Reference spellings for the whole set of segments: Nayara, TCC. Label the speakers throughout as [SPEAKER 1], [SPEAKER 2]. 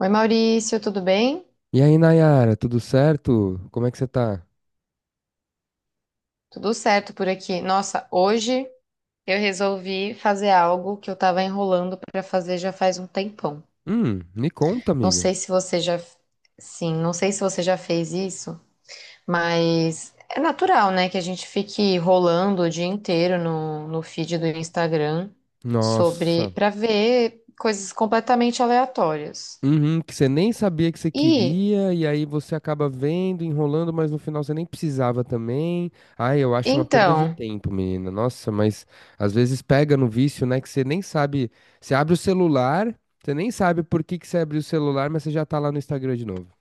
[SPEAKER 1] Oi, Maurício, tudo bem?
[SPEAKER 2] E aí, Nayara, tudo certo? Como é que você tá?
[SPEAKER 1] Tudo certo por aqui. Nossa, hoje eu resolvi fazer algo que eu tava enrolando para fazer já faz um tempão.
[SPEAKER 2] Me conta,
[SPEAKER 1] Não
[SPEAKER 2] amiga.
[SPEAKER 1] sei se você já, sim, não sei se você já fez isso, mas é natural, né, que a gente fique rolando o dia inteiro no feed do Instagram sobre
[SPEAKER 2] Nossa.
[SPEAKER 1] para ver coisas completamente aleatórias.
[SPEAKER 2] Uhum, que você nem sabia que você
[SPEAKER 1] E
[SPEAKER 2] queria, e aí você acaba vendo, enrolando, mas no final você nem precisava também. Ai, eu acho uma perda de
[SPEAKER 1] então,
[SPEAKER 2] tempo, menina. Nossa, mas às vezes pega no vício, né? Que você nem sabe. Você abre o celular, você nem sabe por que que você abriu o celular, mas você já tá lá no Instagram de novo.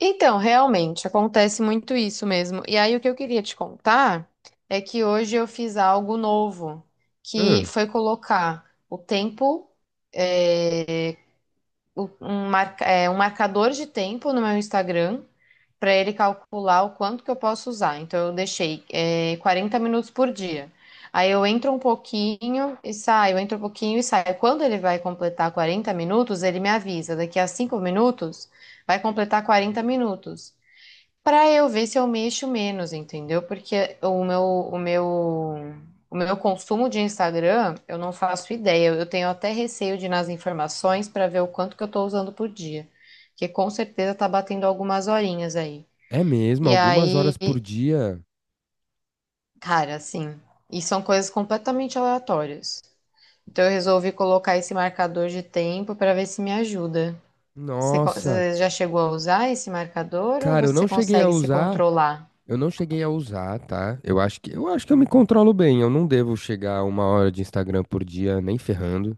[SPEAKER 1] Então, realmente, acontece muito isso mesmo. E aí, o que eu queria te contar é que hoje eu fiz algo novo, que
[SPEAKER 2] Hum,
[SPEAKER 1] foi colocar o tempo, eh, um marcador de tempo no meu Instagram para ele calcular o quanto que eu posso usar. Então eu deixei 40 minutos por dia. Aí eu entro um pouquinho e saio, entro um pouquinho e saio. Quando ele vai completar 40 minutos, ele me avisa. Daqui a 5 minutos, vai completar 40 minutos. Pra eu ver se eu mexo menos, entendeu? Porque o meu consumo de Instagram, eu não faço ideia. Eu tenho até receio de ir nas informações pra ver o quanto que eu tô usando por dia, que com certeza tá batendo algumas horinhas aí.
[SPEAKER 2] É mesmo?
[SPEAKER 1] E
[SPEAKER 2] Algumas
[SPEAKER 1] aí,
[SPEAKER 2] horas por dia?
[SPEAKER 1] cara, assim, e são coisas completamente aleatórias. Então eu resolvi colocar esse marcador de tempo pra ver se me ajuda. Você, co-
[SPEAKER 2] Nossa.
[SPEAKER 1] você já chegou a usar esse marcador ou
[SPEAKER 2] Cara, eu
[SPEAKER 1] você
[SPEAKER 2] não cheguei a
[SPEAKER 1] consegue se
[SPEAKER 2] usar.
[SPEAKER 1] controlar?
[SPEAKER 2] Eu não cheguei a usar, tá? Eu acho que eu me controlo bem. Eu não devo chegar a uma hora de Instagram por dia, nem ferrando.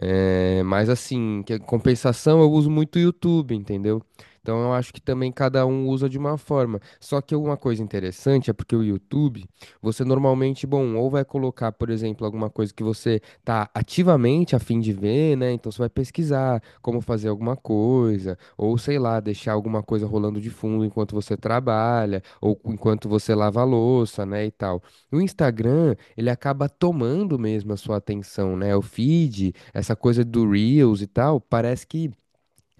[SPEAKER 2] É, mas assim, que compensação eu uso muito o YouTube, entendeu? Então eu acho que também cada um usa de uma forma. Só que uma coisa interessante é porque o YouTube, você normalmente, bom, ou vai colocar, por exemplo, alguma coisa que você tá ativamente a fim de ver, né? Então você vai pesquisar como fazer alguma coisa, ou sei lá, deixar alguma coisa rolando de fundo enquanto você trabalha, ou enquanto você lava a louça, né, e tal. O Instagram, ele acaba tomando mesmo a sua atenção, né? O feed, essa coisa do Reels e tal, parece que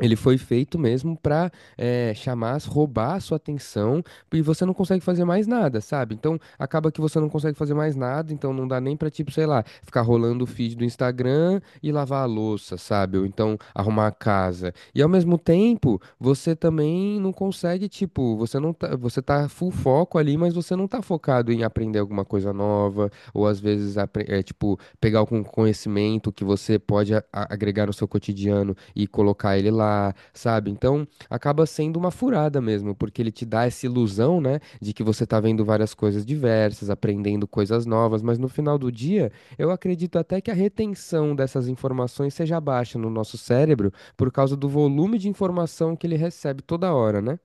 [SPEAKER 2] ele foi feito mesmo pra chamar, roubar a sua atenção, e você não consegue fazer mais nada, sabe? Então acaba que você não consegue fazer mais nada, então não dá nem pra, tipo, sei lá, ficar rolando o feed do Instagram e lavar a louça, sabe? Ou então arrumar a casa. E ao mesmo tempo, você também não consegue, tipo, você não tá, você tá full foco ali, mas você não tá focado em aprender alguma coisa nova, ou às vezes, pegar algum conhecimento que você pode agregar no seu cotidiano e colocar ele lá, sabe? Então, acaba sendo uma furada mesmo, porque ele te dá essa ilusão, né, de que você tá vendo várias coisas diversas, aprendendo coisas novas, mas no final do dia, eu acredito até que a retenção dessas informações seja baixa no nosso cérebro por causa do volume de informação que ele recebe toda hora, né?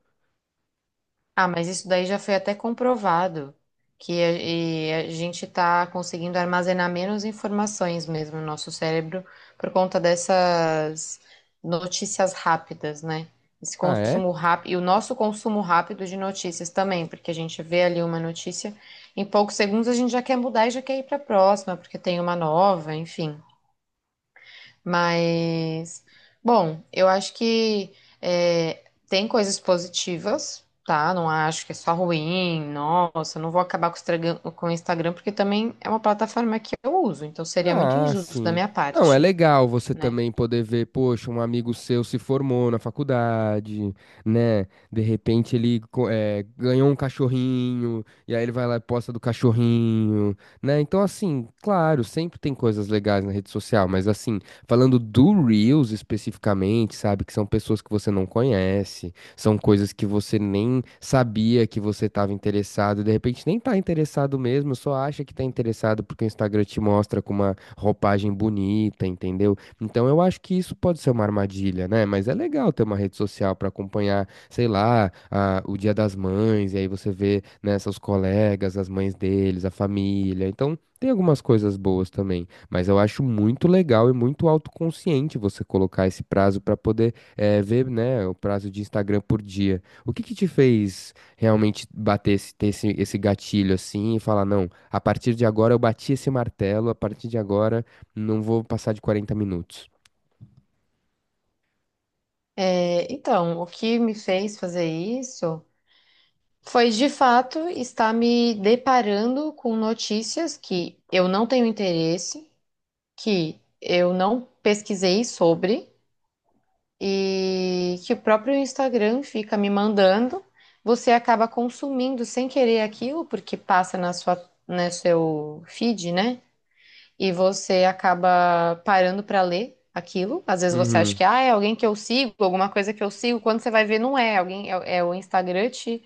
[SPEAKER 1] Ah, mas isso daí já foi até comprovado, e a gente está conseguindo armazenar menos informações mesmo no nosso cérebro por conta dessas notícias rápidas, né? Esse
[SPEAKER 2] Ah, é?
[SPEAKER 1] consumo rápido, e o nosso consumo rápido de notícias também, porque a gente vê ali uma notícia, em poucos segundos a gente já quer mudar e já quer ir para a próxima, porque tem uma nova, enfim. Mas, bom, eu acho que é, tem coisas positivas, tá? Não acho que é só ruim, nossa, eu não vou acabar com o Instagram, porque também é uma plataforma que eu uso, então seria muito
[SPEAKER 2] Ah,
[SPEAKER 1] injusto da
[SPEAKER 2] sim.
[SPEAKER 1] minha
[SPEAKER 2] Não, é
[SPEAKER 1] parte,
[SPEAKER 2] legal você
[SPEAKER 1] né?
[SPEAKER 2] também poder ver, poxa, um amigo seu se formou na faculdade, né? De repente ele ganhou um cachorrinho, e aí ele vai lá e posta do cachorrinho, né? Então, assim, claro, sempre tem coisas legais na rede social, mas assim, falando do Reels especificamente, sabe? Que são pessoas que você não conhece, são coisas que você nem sabia que você estava interessado, e de repente nem tá interessado mesmo, só acha que tá interessado porque o Instagram te mostra com uma roupagem bonita, entendeu? Então eu acho que isso pode ser uma armadilha, né? Mas é legal ter uma rede social para acompanhar, sei lá, o Dia das Mães, e aí você vê, né, seus colegas, as mães deles, a família. Então tem algumas coisas boas também. Mas eu acho muito legal e muito autoconsciente você colocar esse prazo para poder ver, né, o prazo de Instagram por dia. O que que te fez realmente bater esse, ter esse, esse gatilho assim e falar, não, a partir de agora eu bati esse martelo, a partir de agora não vou passar de 40 minutos.
[SPEAKER 1] É, então, o que me fez fazer isso foi de fato estar me deparando com notícias que eu não tenho interesse, que eu não pesquisei sobre e que o próprio Instagram fica me mandando, você acaba consumindo sem querer aquilo, porque passa na sua, no seu feed, né? E você acaba parando para ler aquilo. Às vezes você acha
[SPEAKER 2] Uhum.
[SPEAKER 1] que ah, é alguém que eu sigo, alguma coisa que eu sigo. Quando você vai ver, não é. Alguém é o Instagram te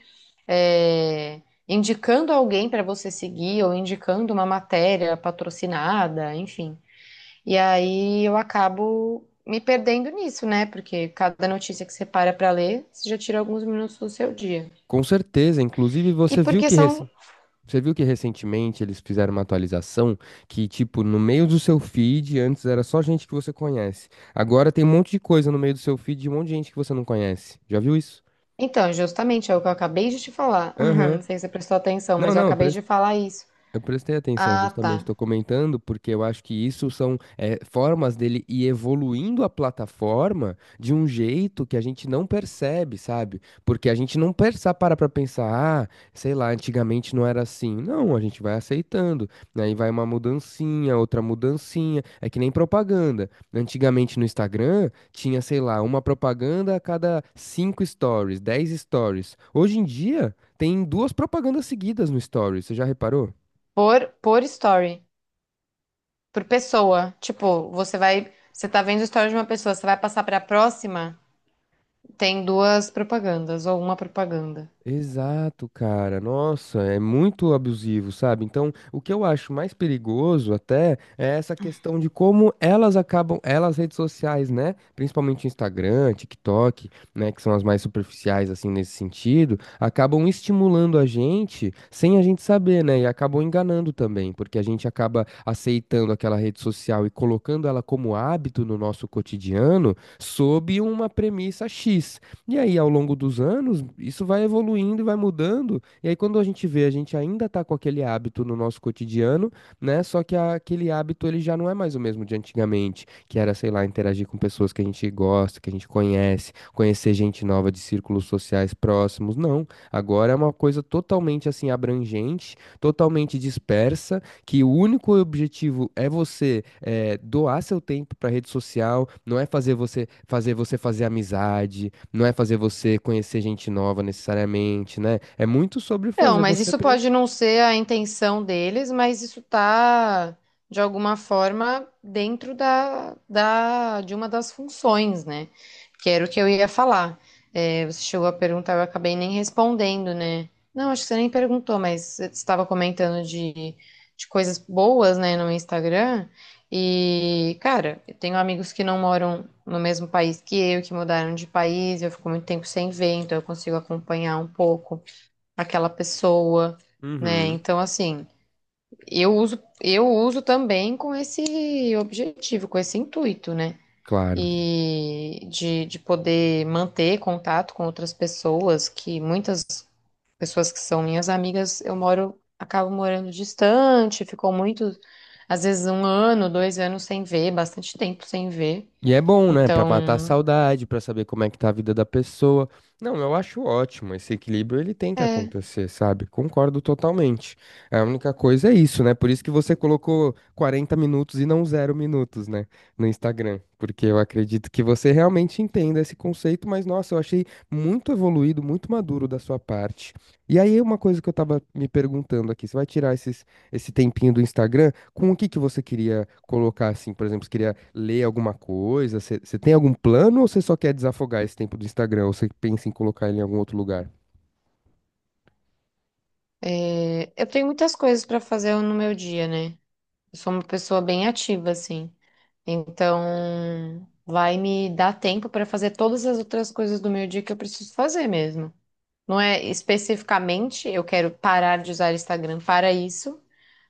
[SPEAKER 1] é, indicando alguém para você seguir ou indicando uma matéria patrocinada, enfim. E aí eu acabo me perdendo nisso, né? Porque cada notícia que você para para ler, você já tira alguns minutos do seu dia.
[SPEAKER 2] Com certeza, inclusive
[SPEAKER 1] E
[SPEAKER 2] você viu
[SPEAKER 1] porque
[SPEAKER 2] que
[SPEAKER 1] são.
[SPEAKER 2] você viu que recentemente eles fizeram uma atualização que, tipo, no meio do seu feed, antes era só gente que você conhece. Agora tem um monte de coisa no meio do seu feed de um monte de gente que você não conhece. Já viu isso?
[SPEAKER 1] Então, justamente é o que eu acabei de te falar.
[SPEAKER 2] Aham.
[SPEAKER 1] Não sei se você prestou atenção,
[SPEAKER 2] Não,
[SPEAKER 1] mas eu
[SPEAKER 2] não,
[SPEAKER 1] acabei de falar isso.
[SPEAKER 2] eu prestei atenção,
[SPEAKER 1] Ah,
[SPEAKER 2] justamente,
[SPEAKER 1] tá.
[SPEAKER 2] estou comentando, porque eu acho que isso são formas dele ir evoluindo a plataforma de um jeito que a gente não percebe, sabe? Porque a gente não pensa, para pra pensar, ah, sei lá, antigamente não era assim. Não, a gente vai aceitando, né? Aí vai uma mudancinha, outra mudancinha. É que nem propaganda. Antigamente no Instagram tinha, sei lá, uma propaganda a cada cinco stories, 10 stories. Hoje em dia tem duas propagandas seguidas no stories, você já reparou?
[SPEAKER 1] Por story, por pessoa. Tipo, você vai. Você tá vendo o story de uma pessoa, você vai passar para a próxima, tem duas propagandas ou uma propaganda.
[SPEAKER 2] Exato, cara. Nossa, é muito abusivo, sabe? Então, o que eu acho mais perigoso até é essa questão de como elas acabam, elas redes sociais, né? Principalmente Instagram, TikTok, né, que são as mais superficiais assim nesse sentido, acabam estimulando a gente sem a gente saber, né? E acabam enganando também, porque a gente acaba aceitando aquela rede social e colocando ela como hábito no nosso cotidiano sob uma premissa X. E aí, ao longo dos anos, isso vai evoluindo e vai mudando. E aí, quando a gente vê, a gente ainda tá com aquele hábito no nosso cotidiano, né? Só que aquele hábito ele já não é mais o mesmo de antigamente, que era, sei lá, interagir com pessoas que a gente gosta, que a gente conhece, conhecer gente nova de círculos sociais próximos. Não. Agora é uma coisa totalmente assim abrangente, totalmente dispersa, que o único objetivo é você doar seu tempo para rede social, não é fazer você fazer amizade, não é fazer você conhecer gente nova necessariamente, né? É muito sobre
[SPEAKER 1] Não,
[SPEAKER 2] fazer
[SPEAKER 1] mas
[SPEAKER 2] você
[SPEAKER 1] isso
[SPEAKER 2] aprender.
[SPEAKER 1] pode não ser a intenção deles, mas isso tá, de alguma forma, dentro de uma das funções, né? Que era o que eu ia falar. É, você chegou a perguntar, eu acabei nem respondendo, né? Não, acho que você nem perguntou, mas você estava comentando de coisas boas, né, no Instagram. E, cara, eu tenho amigos que não moram no mesmo país que eu, que mudaram de país, eu fico muito tempo sem ver, então eu consigo acompanhar um pouco aquela pessoa, né?
[SPEAKER 2] Uhum,
[SPEAKER 1] Então, assim, eu uso também com esse objetivo, com esse intuito, né?
[SPEAKER 2] claro.
[SPEAKER 1] E de poder manter contato com outras pessoas, que muitas pessoas que são minhas amigas, eu moro, acabo morando distante, ficou muito, às vezes um ano, 2 anos sem ver, bastante tempo sem ver.
[SPEAKER 2] E é bom, né? Pra matar a
[SPEAKER 1] Então,
[SPEAKER 2] saudade, pra saber como é que tá a vida da pessoa. Não, eu acho ótimo. Esse equilíbrio ele tem que
[SPEAKER 1] é,
[SPEAKER 2] acontecer, sabe? Concordo totalmente. É, a única coisa é isso, né? Por isso que você colocou 40 minutos e não zero minutos, né? No Instagram. Porque eu acredito que você realmente entenda esse conceito, mas nossa, eu achei muito evoluído, muito maduro da sua parte. E aí, uma coisa que eu tava me perguntando aqui: você vai tirar esse tempinho do Instagram, com o que que você queria colocar assim, por exemplo, você queria ler alguma coisa? Você tem algum plano ou você só quer desafogar esse tempo do Instagram? Ou você pensa em colocar ele em algum outro lugar?
[SPEAKER 1] eu tenho muitas coisas para fazer no meu dia, né? Eu sou uma pessoa bem ativa, assim. Então, vai me dar tempo para fazer todas as outras coisas do meu dia que eu preciso fazer mesmo. Não é especificamente eu quero parar de usar Instagram para isso,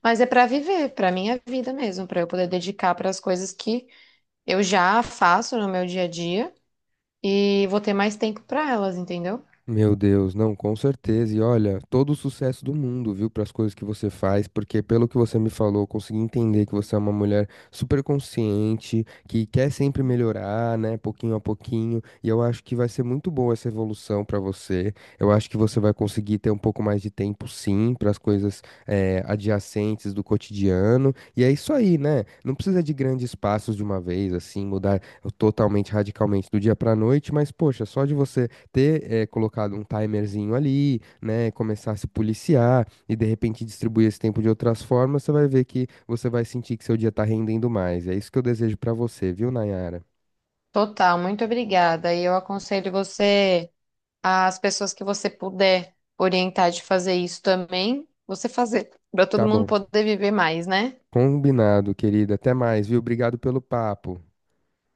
[SPEAKER 1] mas é para viver, para minha vida mesmo, para eu poder dedicar para as coisas que eu já faço no meu dia a dia e vou ter mais tempo para elas, entendeu?
[SPEAKER 2] Meu Deus, não, com certeza. E olha, todo o sucesso do mundo, viu, para as coisas que você faz, porque pelo que você me falou, eu consegui entender que você é uma mulher super consciente, que quer sempre melhorar, né, pouquinho a pouquinho. E eu acho que vai ser muito boa essa evolução para você. Eu acho que você vai conseguir ter um pouco mais de tempo, sim, para as coisas adjacentes do cotidiano. E é isso aí, né? Não precisa de grandes passos de uma vez, assim, mudar totalmente, radicalmente do dia para noite, mas poxa, só de você ter colocado um timerzinho ali, né, começar a se policiar e de repente distribuir esse tempo de outras formas, você vai ver que você vai sentir que seu dia tá rendendo mais. É isso que eu desejo pra você, viu, Nayara?
[SPEAKER 1] Total, muito obrigada. E eu aconselho você, as pessoas que você puder orientar de fazer isso também, você fazer, para todo
[SPEAKER 2] Tá
[SPEAKER 1] mundo
[SPEAKER 2] bom.
[SPEAKER 1] poder viver mais, né?
[SPEAKER 2] Combinado, querida. Até mais, viu? Obrigado pelo papo.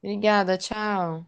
[SPEAKER 1] Obrigada, tchau.